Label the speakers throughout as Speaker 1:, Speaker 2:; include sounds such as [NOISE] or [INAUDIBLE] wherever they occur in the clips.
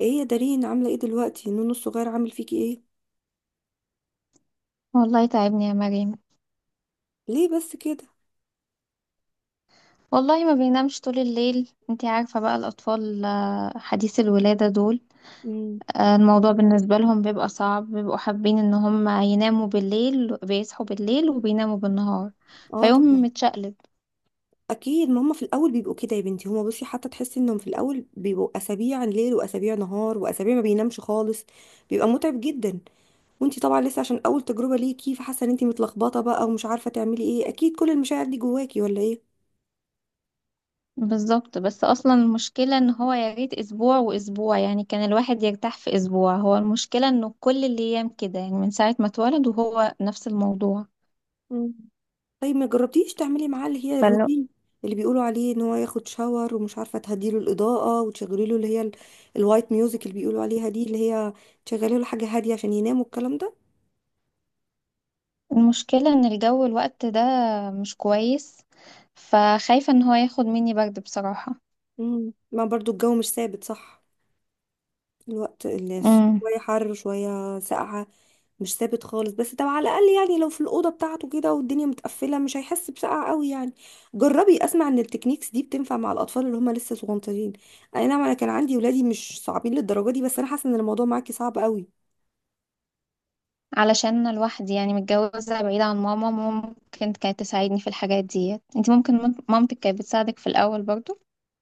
Speaker 1: ايه يا دارين، عامله ايه دلوقتي؟ نونو الصغير عامل فيكي ايه؟
Speaker 2: والله تعبني يا مريم.
Speaker 1: ليه بس كده؟
Speaker 2: والله ما بينامش طول الليل. انتي عارفة بقى الأطفال، حديث الولادة دول.
Speaker 1: امم
Speaker 2: الموضوع بالنسبة لهم بيبقى صعب، بيبقوا حابين ان هم يناموا بالليل، بيصحوا بالليل وبيناموا بالنهار،
Speaker 1: اه،
Speaker 2: فيوم
Speaker 1: طبعا.
Speaker 2: متشقلب.
Speaker 1: اكيد ما هما في الاول بيبقوا كده يا بنتي. هما بصي، حتى تحسي انهم في الاول بيبقوا اسابيع ليل واسابيع نهار واسابيع ما بينامش خالص، بيبقى متعب جدا. وانتي طبعا لسه، عشان اول تجربه ليكي، فحاسه ان انتي متلخبطه بقى ومش عارفه تعملي ايه، اكيد كل المشاعر دي جواكي ولا
Speaker 2: بالظبط. بس اصلا المشكلة ان هو يا ريت اسبوع واسبوع، يعني كان الواحد يرتاح في اسبوع، هو المشكلة انه كل الايام كده، يعني من ساعة ما اتولد وهو نفس الموضوع.
Speaker 1: ايه؟ طيب ما جربتيش تعملي معاه اللي هي الروتين اللي بيقولوا عليه، ان هو ياخد شاور، ومش عارفه تهديله الاضاءه وتشغلي له اللي هي الوايت ميوزك اللي بيقولوا عليها دي، اللي هي تشغلي له حاجه هاديه عشان ينام والكلام ده.
Speaker 2: المشكلة ان الجو الوقت ده مش كويس، فخايفة ان هو ياخد مني برد بصراحة.
Speaker 1: ما برضو الجو مش ثابت، صح؟ الوقت الناس
Speaker 2: امم.
Speaker 1: شويه حر وشويه ساقعه، مش ثابت خالص. بس طب على الاقل يعني، لو في الاوضه بتاعته كده والدنيا متقفله، مش هيحس بسقعه قوي يعني. جربي، اسمع ان التكنيكس دي بتنفع مع الاطفال اللي هم لسه صغنطين. اي نعم، انا كان عندي ولادي مش صعبين للدرجه دي، بس انا حاسه ان الموضوع معاكي صعب قوي.
Speaker 2: علشان انا لوحدي يعني، متجوزة بعيدة عن ماما، ممكن كانت تساعدني في الحاجات ديت. انتي ممكن مامتك كانت بتساعدك في الاول برضو؟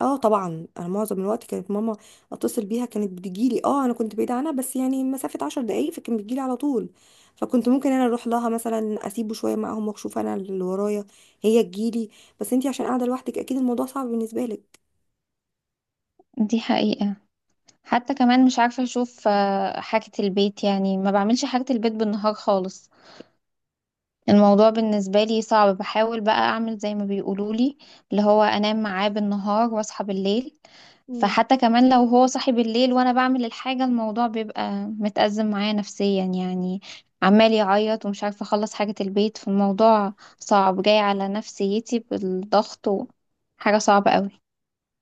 Speaker 1: اه طبعا، انا معظم الوقت كانت ماما اتصل بيها كانت بتجيلي. اه انا كنت بعيده عنها بس يعني مسافه عشر دقايق، فكان بتجيلي على طول. فكنت ممكن انا اروح لها مثلا، اسيبه شويه معاهم واشوف انا اللي ورايا، هي تجيلي. بس انتي عشان قاعده لوحدك، اكيد الموضوع صعب بالنسبه
Speaker 2: دي حقيقة. حتى كمان مش عارفة اشوف حاجة البيت، يعني ما بعملش حاجة البيت بالنهار خالص. الموضوع بالنسبة لي صعب. بحاول بقى اعمل زي ما بيقولولي، اللي هو انام معاه بالنهار واصحى بالليل.
Speaker 1: لك.
Speaker 2: فحتى كمان لو هو صاحي بالليل وانا بعمل الحاجة، الموضوع بيبقى متأزم معايا نفسيا، يعني عمال يعيط ومش عارفة اخلص حاجة البيت، فالموضوع صعب جاي على نفسيتي بالضغط حاجة صعبة قوي.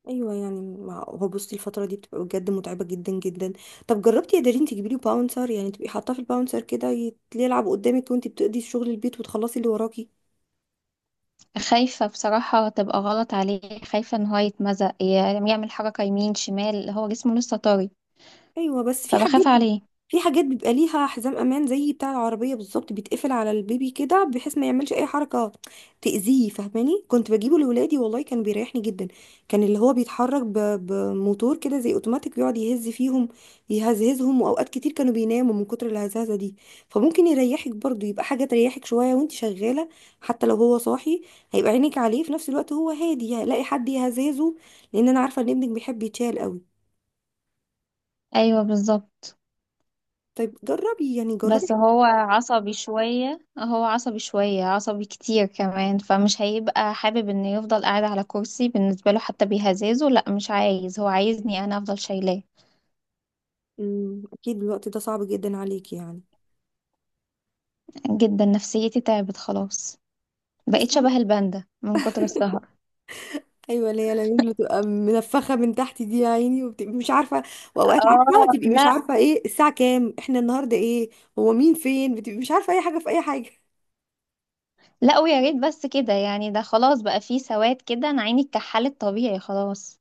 Speaker 1: ايوه، يعني ما هو بصي الفتره دي بتبقى بجد متعبه جدا جدا. طب جربتي يا دارين تجيبي لي باونسر؟ يعني تبقي حاطاه في الباونسر كده يلعب قدامك وانت بتقضي شغل البيت وتخلصي اللي وراكي.
Speaker 2: خايفة بصراحة تبقى غلط عليه، خايفة ان هو يتمزق، يعمل حركة يمين شمال، هو جسمه لسه طري،
Speaker 1: ايوه بس في حاجات
Speaker 2: فبخاف عليه.
Speaker 1: في حاجات بيبقى ليها حزام امان زي بتاع العربيه بالظبط، بيتقفل على البيبي كده بحيث ما يعملش اي حركه تاذيه، فاهماني؟ كنت بجيبه لاولادي والله كان بيريحني جدا. كان اللي هو بيتحرك بموتور كده زي اوتوماتيك، بيقعد يهز فيهم، يهزهزهم، واوقات كتير كانوا بيناموا من كتر الهزازه دي. فممكن يريحك برضو، يبقى حاجه تريحك شويه وانت شغاله، حتى لو هو صاحي هيبقى عينك عليه في نفس الوقت. هو هادي هلاقي حد يهزهزه، لان انا عارفه ان ابنك بيحب يتشال قوي.
Speaker 2: ايوه بالظبط.
Speaker 1: طيب جربي يعني،
Speaker 2: بس
Speaker 1: جربي.
Speaker 2: هو عصبي شوية، هو عصبي كتير كمان، فمش هيبقى حابب انه يفضل قاعد على كرسي. بالنسبة له حتى بيهزازه لا مش عايز، هو عايزني انا افضل شايلاه.
Speaker 1: اكيد الوقت ده صعب جدا عليك يعني.
Speaker 2: جدا، نفسيتي تعبت خلاص،
Speaker 1: بس
Speaker 2: بقيت شبه الباندا من كتر السهر.
Speaker 1: ايوه، اللي هي العيون اللي تبقى منفخه من تحت دي يا عيني، وبتبقي مش عارفه، واوقات عارفه
Speaker 2: اه
Speaker 1: تبقي مش
Speaker 2: لا.
Speaker 1: عارفه ايه الساعه كام، احنا النهارده ايه، هو مين، فين، بتبقي مش عارفه اي حاجه في اي حاجه.
Speaker 2: لا ويا ريت بس كده يعني، ده خلاص بقى فيه سواد كده، انا عيني اتكحلت طبيعي خلاص.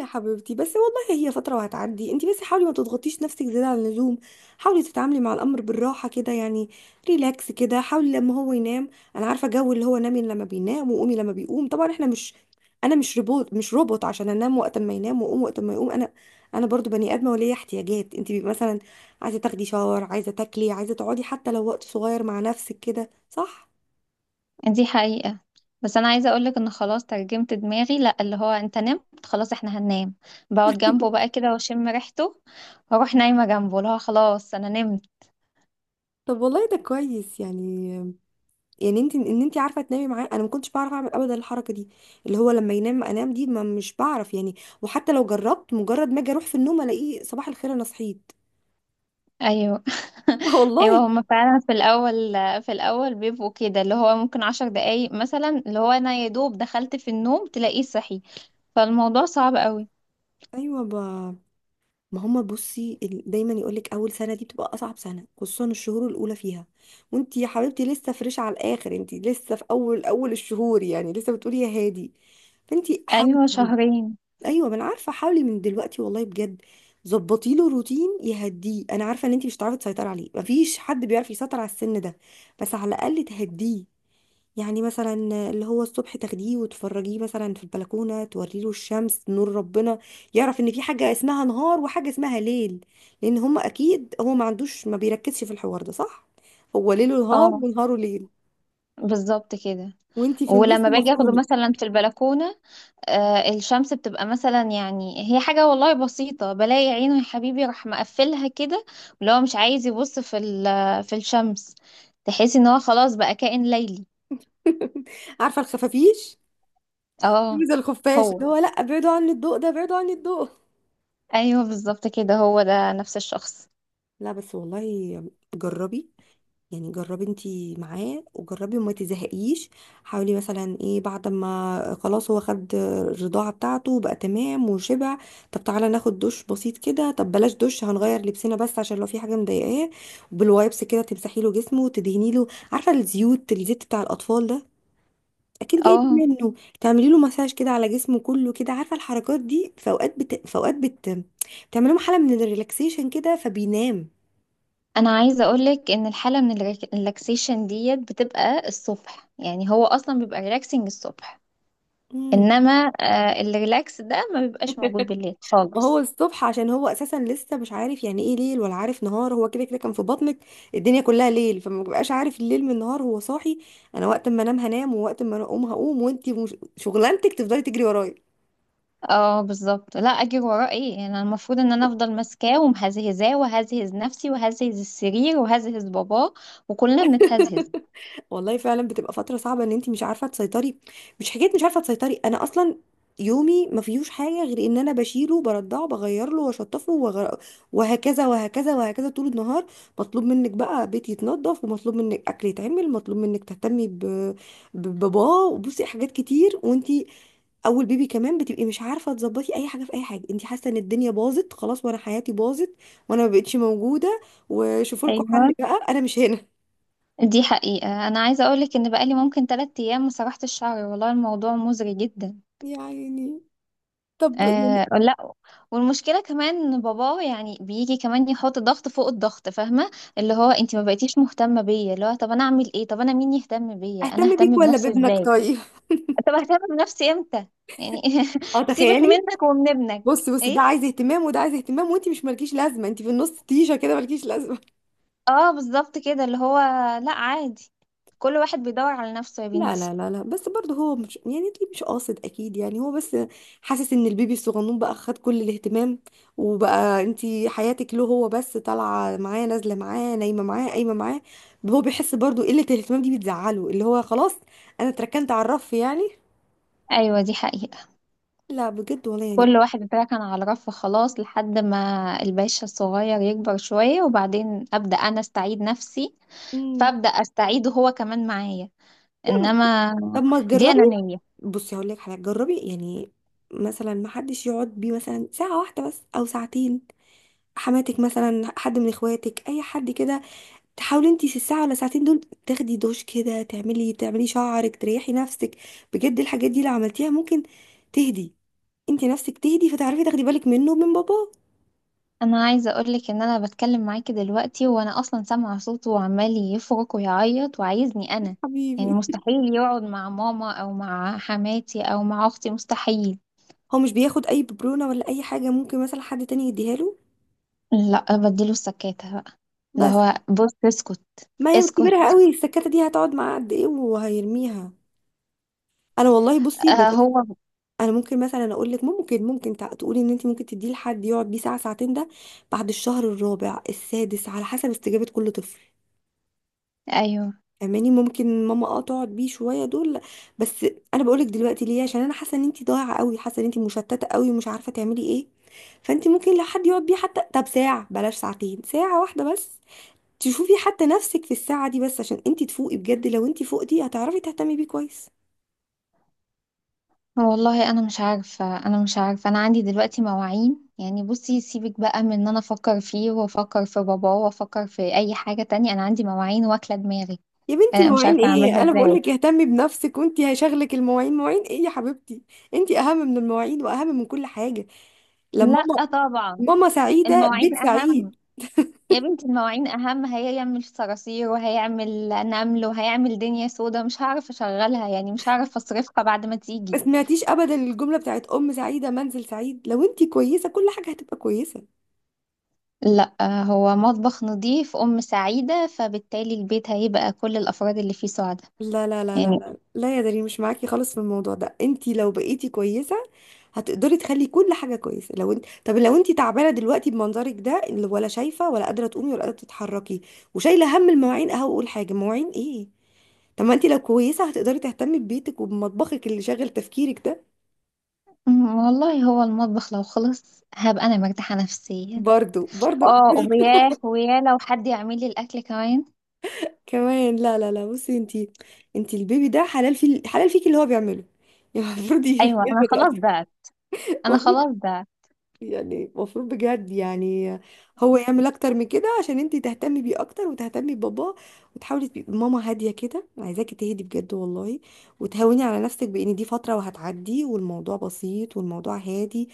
Speaker 1: يا حبيبتي بس والله هي فترة وهتعدي، انتي بس حاولي ما تضغطيش نفسك زيادة عن اللزوم، حاولي تتعاملي مع الأمر بالراحة كده يعني، ريلاكس كده. حاولي لما هو ينام، أنا عارفة جو اللي هو نامي لما بينام وقومي لما بيقوم، طبعا احنا مش أنا مش روبوت، مش روبوت عشان أنام وقت ما ينام وأقوم وقت ما يقوم. أنا برضو بني آدمة وليا احتياجات. انتي بيبقى مثلا عايزة تاخدي شاور، عايزة تاكلي، عايزة تقعدي حتى لو وقت صغير مع نفسك كده، صح؟
Speaker 2: دي حقيقة. بس أنا عايزة أقولك إن خلاص ترجمت دماغي، لأ اللي هو أنت نمت خلاص إحنا هننام. بقعد جنبه
Speaker 1: [LAUGHS]
Speaker 2: بقى كده وأشم ريحته وأروح نايمة جنبه، اللي هو خلاص أنا نمت.
Speaker 1: طب والله ده كويس يعني. يعني انت، ان انت عارفه تنامي معاه، انا ما كنتش بعرف اعمل ابدا الحركه دي، اللي هو لما ينام انام دي، ما مش بعرف يعني. وحتى لو جربت، مجرد ما اجي اروح في النوم الاقيه صباح الخير انا صحيت.
Speaker 2: أيوه. [LAUGHS]
Speaker 1: [LAUGHS] والله.
Speaker 2: أيوه هما فعلا في الأول، في الأول بيبقوا كده، اللي هو ممكن عشر دقايق مثلا، اللي هو أنا يا دوب دخلت في النوم تلاقيه صحي، فالموضوع صعب قوي.
Speaker 1: ايوه ما هما بصي دايما يقولك اول سنه دي بتبقى اصعب سنه، خصوصا الشهور الاولى فيها. وانت يا حبيبتي لسه فريش على الاخر، انت لسه في اول اول الشهور يعني، لسه بتقولي يا هادي. فانت حاولي.
Speaker 2: أيوه شهرين.
Speaker 1: ايوه، ما انا عارفه، حاولي من دلوقتي والله بجد. ظبطي له روتين يهديه. انا عارفه ان انت مش هتعرفي تسيطري عليه، مفيش حد بيعرف يسيطر على السن ده، بس على الاقل تهديه. يعني مثلا، اللي هو الصبح تاخديه وتفرجيه مثلا في البلكونه، توري له الشمس نور ربنا، يعرف ان في حاجه اسمها نهار وحاجه اسمها ليل. لان هم اكيد، هو ما عندوش، ما بيركزش في الحوار ده، صح؟ هو ليله نهار
Speaker 2: اه
Speaker 1: ونهاره ليل،
Speaker 2: بالظبط كده.
Speaker 1: وانت في النص
Speaker 2: ولما باجي اخده
Speaker 1: مفرومه.
Speaker 2: مثلا في البلكونة، الشمس بتبقى مثلا، يعني هي حاجة والله بسيطة، بلاقي عينه يا حبيبي راح مقفلها كده، اللي هو مش عايز يبص في الشمس، تحس ان هو خلاص بقى كائن ليلي.
Speaker 1: [LAUGHS] عارفه الخفافيش؟
Speaker 2: اه
Speaker 1: عايزه الخفاش، اللي
Speaker 2: هو.
Speaker 1: هو لا ابعدوا عني الضوء ده، ابعدوا عني الضوء.
Speaker 2: ايوه بالظبط كده، هو ده نفس الشخص.
Speaker 1: لا بس والله، جربي يعني، جربي انتي معاه، وجربي وما تزهقيش. حاولي مثلا ايه، بعد ما خلاص هو خد الرضاعة بتاعته وبقى تمام وشبع، طب تعالى ناخد دش بسيط كده، طب بلاش دش هنغير لبسنا بس، عشان لو في حاجة مضايقاه. بالوايبس كده تمسحي له جسمه وتدهني له، عارفة الزيوت، الزيت بتاع الأطفال ده، اكيد جايبه
Speaker 2: اه.
Speaker 1: منه، تعملي له مساج كده على جسمه كله كده. عارفه الحركات دي، بتعمل له حاله من الريلاكسيشن كده فبينام.
Speaker 2: انا عايزة اقولك ان الحالة من الريلاكسيشن ديت بتبقى الصبح، يعني هو اصلا بيبقى ريلاكسنج الصبح.
Speaker 1: امم
Speaker 2: انما الريلاكس ده ما بيبقاش موجود بالليل
Speaker 1: وهو
Speaker 2: خالص.
Speaker 1: الصبح عشان هو اساسا لسه مش عارف يعني ايه ليل ولا عارف نهار، هو كده كده كان في بطنك الدنيا كلها ليل، فما بيبقاش عارف الليل من النهار. هو صاحي، انا وقت ما انام هنام ووقت ما اقوم هقوم، وانتي مش... شغلانتك تفضلي تجري ورايا.
Speaker 2: اه بالظبط. لا اجري وراه ايه يعني، أنا المفروض ان انا افضل ماسكاه ومهزهزاه، وهزهز نفسي وهزهز السرير وهزهز باباه، وكلنا بنتهزهز.
Speaker 1: والله فعلا بتبقى فترة صعبة، ان انت مش عارفة تسيطري. مش حكاية مش عارفة تسيطري، انا اصلا يومي ما فيهوش حاجة غير ان انا بشيله، برضعه، بغير له، واشطفه، وهكذا وهكذا وهكذا طول النهار. مطلوب منك بقى بيت يتنضف، ومطلوب منك اكل يتعمل، مطلوب منك تهتمي بباباه، وبصي حاجات كتير. وانت اول بيبي كمان، بتبقي مش عارفة تظبطي اي حاجة في اي حاجة. انت حاسة ان الدنيا باظت خلاص، وانا حياتي باظت، وانا ما بقتش موجودة، وشوفوا لكم
Speaker 2: ايوه
Speaker 1: حل بقى انا مش هنا.
Speaker 2: دي حقيقة. انا عايزة اقولك ان بقالي ممكن تلات ايام ما سرحت الشعر، والله الموضوع مزري جدا.
Speaker 1: يا عيني. طب
Speaker 2: آه لا. والمشكلة كمان ان باباه يعني بيجي كمان يحط ضغط فوق الضغط، فاهمة؟ اللي هو انت ما بقيتيش مهتمة بيا، اللي هو طب انا اعمل ايه، طب انا مين يهتم بيا، انا
Speaker 1: اهتم بيك
Speaker 2: اهتم
Speaker 1: ولا
Speaker 2: بنفسي
Speaker 1: بابنك
Speaker 2: ازاي،
Speaker 1: طيب؟
Speaker 2: طب اهتم بنفسي امتى يعني.
Speaker 1: اه
Speaker 2: [LAUGHS] سيبك
Speaker 1: تخيلي.
Speaker 2: منك ومن ابنك.
Speaker 1: بص بص،
Speaker 2: ايه.
Speaker 1: ده عايز اهتمام وده عايز اهتمام، وانت مش مالكيش لازمه، انت في النص تيشه كده مالكيش لازمه. [LAUGHS]
Speaker 2: اه بالظبط كده اللي هو، لا عادي، كل واحد بيدور على نفسه يا
Speaker 1: لا
Speaker 2: بنتي.
Speaker 1: لا لا لا، بس برضه هو مش، يعني انت مش قاصد اكيد يعني، هو بس حاسس ان البيبي الصغنون بقى خد كل الاهتمام، وبقى انت حياتك له هو بس، طالعه معاه نازله معاه، نايمه معاه قايمه معاه. هو بيحس برضه قله الاهتمام دي بتزعله، اللي هو خلاص انا اتركنت على الرف يعني.
Speaker 2: ايوه دي حقيقة،
Speaker 1: لا بجد، ولا يعني.
Speaker 2: كل واحد اتركن على رف خلاص، لحد ما الباشا الصغير يكبر شوية، وبعدين ابدأ انا استعيد نفسي،
Speaker 1: مم.
Speaker 2: فابدأ استعيده هو كمان معايا.
Speaker 1: لا بس،
Speaker 2: انما
Speaker 1: طب ما
Speaker 2: دي
Speaker 1: تجربي.
Speaker 2: انانية.
Speaker 1: بصي هقول لك حاجه، جربي يعني. مثلا ما حدش يقعد بيه مثلا ساعه واحده بس او ساعتين، حماتك مثلا، حد من اخواتك، اي حد كده. تحاولي انت في الساعه ولا ساعتين دول تاخدي دوش كده، تعملي شعرك، تريحي نفسك. بجد الحاجات دي لو عملتيها ممكن تهدي، انت نفسك تهدي، فتعرفي تاخدي بالك منه ومن بابا
Speaker 2: انا عايزه اقولك ان انا بتكلم معاكي دلوقتي، وانا اصلا سامعه صوته وعمال يفرك ويعيط وعايزني انا. يعني
Speaker 1: حبيبي.
Speaker 2: مستحيل يقعد مع ماما او مع حماتي او مع اختي، مستحيل.
Speaker 1: هو مش بياخد اي ببرونه ولا اي حاجه، ممكن مثلا حد تاني يديها له؟
Speaker 2: لا بديله السكاتة بقى، اللي
Speaker 1: بس
Speaker 2: هو بص اسكت،
Speaker 1: ما هي
Speaker 2: اسكت.
Speaker 1: كبيرها قوي، السكته دي هتقعد معاه قد ايه وهيرميها. انا والله بصي،
Speaker 2: آه هو.
Speaker 1: انا ممكن مثلا اقول لك، ممكن تقولي ان انت ممكن تديه لحد يقعد بيه ساعه ساعتين ده بعد الشهر الرابع السادس، على حسب استجابه كل طفل.
Speaker 2: ايوه.
Speaker 1: اماني ممكن، ماما تقعد بيه شويه دول بس. انا بقولك دلوقتي ليه، عشان انا حاسه ان انت ضايعه قوي، حاسه ان انت مشتته قوي ومش عارفه تعملي ايه. فانت ممكن لو حد يقعد بيه حتى طب ساعه، بلاش ساعتين، ساعه واحده بس، تشوفي حتى نفسك في الساعه دي بس، عشان انت تفوقي بجد. لو انت فوقتي، هتعرفي تهتمي بيه كويس.
Speaker 2: والله انا مش عارفه انا عندي دلوقتي مواعين، يعني بصي سيبك بقى من ان انا افكر فيه وافكر في باباه وافكر في اي حاجه تانية، انا عندي مواعين واكله دماغي.
Speaker 1: يا بنتي
Speaker 2: انا مش
Speaker 1: مواعين
Speaker 2: عارفه اعملها
Speaker 1: ايه؟ انا بقول
Speaker 2: ازاي.
Speaker 1: لك اهتمي بنفسك وانتي هيشغلك المواعين؟ مواعين ايه يا حبيبتي؟ انتي اهم من المواعين واهم من كل حاجه. لما ماما
Speaker 2: لا طبعا،
Speaker 1: ماما سعيده بيت
Speaker 2: المواعين أهم.
Speaker 1: سعيد.
Speaker 2: يا بنتي المواعين أهم، هيعمل صراصير وهيعمل نمل وهيعمل دنيا سودا، مش هعرف أشغلها يعني، مش هعرف أصرفها بعد ما
Speaker 1: ما
Speaker 2: تيجي.
Speaker 1: سمعتيش ابدا الجمله بتاعت ام سعيده منزل سعيد؟ لو انتي كويسه كل حاجه هتبقى كويسه.
Speaker 2: لا، هو مطبخ نظيف أم سعيدة، فبالتالي البيت هيبقى كل الأفراد اللي فيه سعداء
Speaker 1: لا لا لا لا
Speaker 2: يعني.
Speaker 1: لا لا يا دارين، مش معاكي خالص في الموضوع ده. انت لو بقيتي كويسه هتقدري تخلي كل حاجه كويسه. لو انت طب لو انت تعبانه دلوقتي بمنظرك ده، اللي ولا شايفه ولا قادره تقومي ولا قادره تتحركي، وشايله هم المواعين، اهو اقول حاجه مواعين ايه؟ طب ما انت لو كويسه هتقدري تهتمي ببيتك وبمطبخك اللي شاغل تفكيرك ده.
Speaker 2: والله هو المطبخ لو خلص هبقى أنا مرتاحة نفسيا.
Speaker 1: برضو، برضو.
Speaker 2: اه وياه وياه لو حد يعمل لي الأكل كمان.
Speaker 1: [LAUGHS] كمان، لا لا لا، بصي انت البيبي ده حلال في حلال فيكي، اللي هو بيعمله، [LAUGHS] يعني المفروض
Speaker 2: أيوة أنا
Speaker 1: ياخد
Speaker 2: خلاص بعت أنا
Speaker 1: وقت.
Speaker 2: خلاص
Speaker 1: [LAUGHS]
Speaker 2: بعت
Speaker 1: يعني المفروض بجد يعني، هو يعمل اكتر من كده عشان انتي تهتمي بيه اكتر وتهتمي بباباه، وتحاولي تبقي ماما هاديه كده. أنا عايزاكي تهدي بجد والله، وتهوني على نفسك بان دي فتره وهتعدي، والموضوع بسيط والموضوع هادي.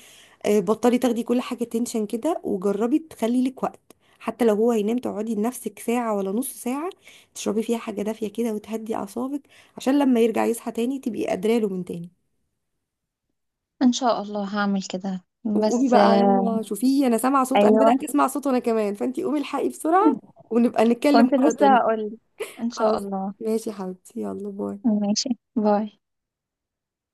Speaker 1: بطلي تاخدي كل حاجه تنشن كده، وجربي تخلي لك وقت. حتى لو هو هينام، تقعدي لنفسك ساعه ولا نص ساعه، تشربي فيها حاجه دافيه كده وتهدي اعصابك، عشان لما يرجع يصحى تاني تبقي قادره له من تاني.
Speaker 2: إن شاء الله هعمل كده
Speaker 1: وقومي
Speaker 2: بس.
Speaker 1: بقى، يلا شوفيه، انا سامعه صوت، انا
Speaker 2: أيوة
Speaker 1: بدات اسمع صوت وانا كمان، فانتي قومي الحقي بسرعه، ونبقى نتكلم
Speaker 2: كنت
Speaker 1: مره
Speaker 2: لسه
Speaker 1: تانية.
Speaker 2: هقول، ان شاء
Speaker 1: خلاص،
Speaker 2: الله.
Speaker 1: ماشي يا حبيبتي، يلا باي.
Speaker 2: ماشي. باي.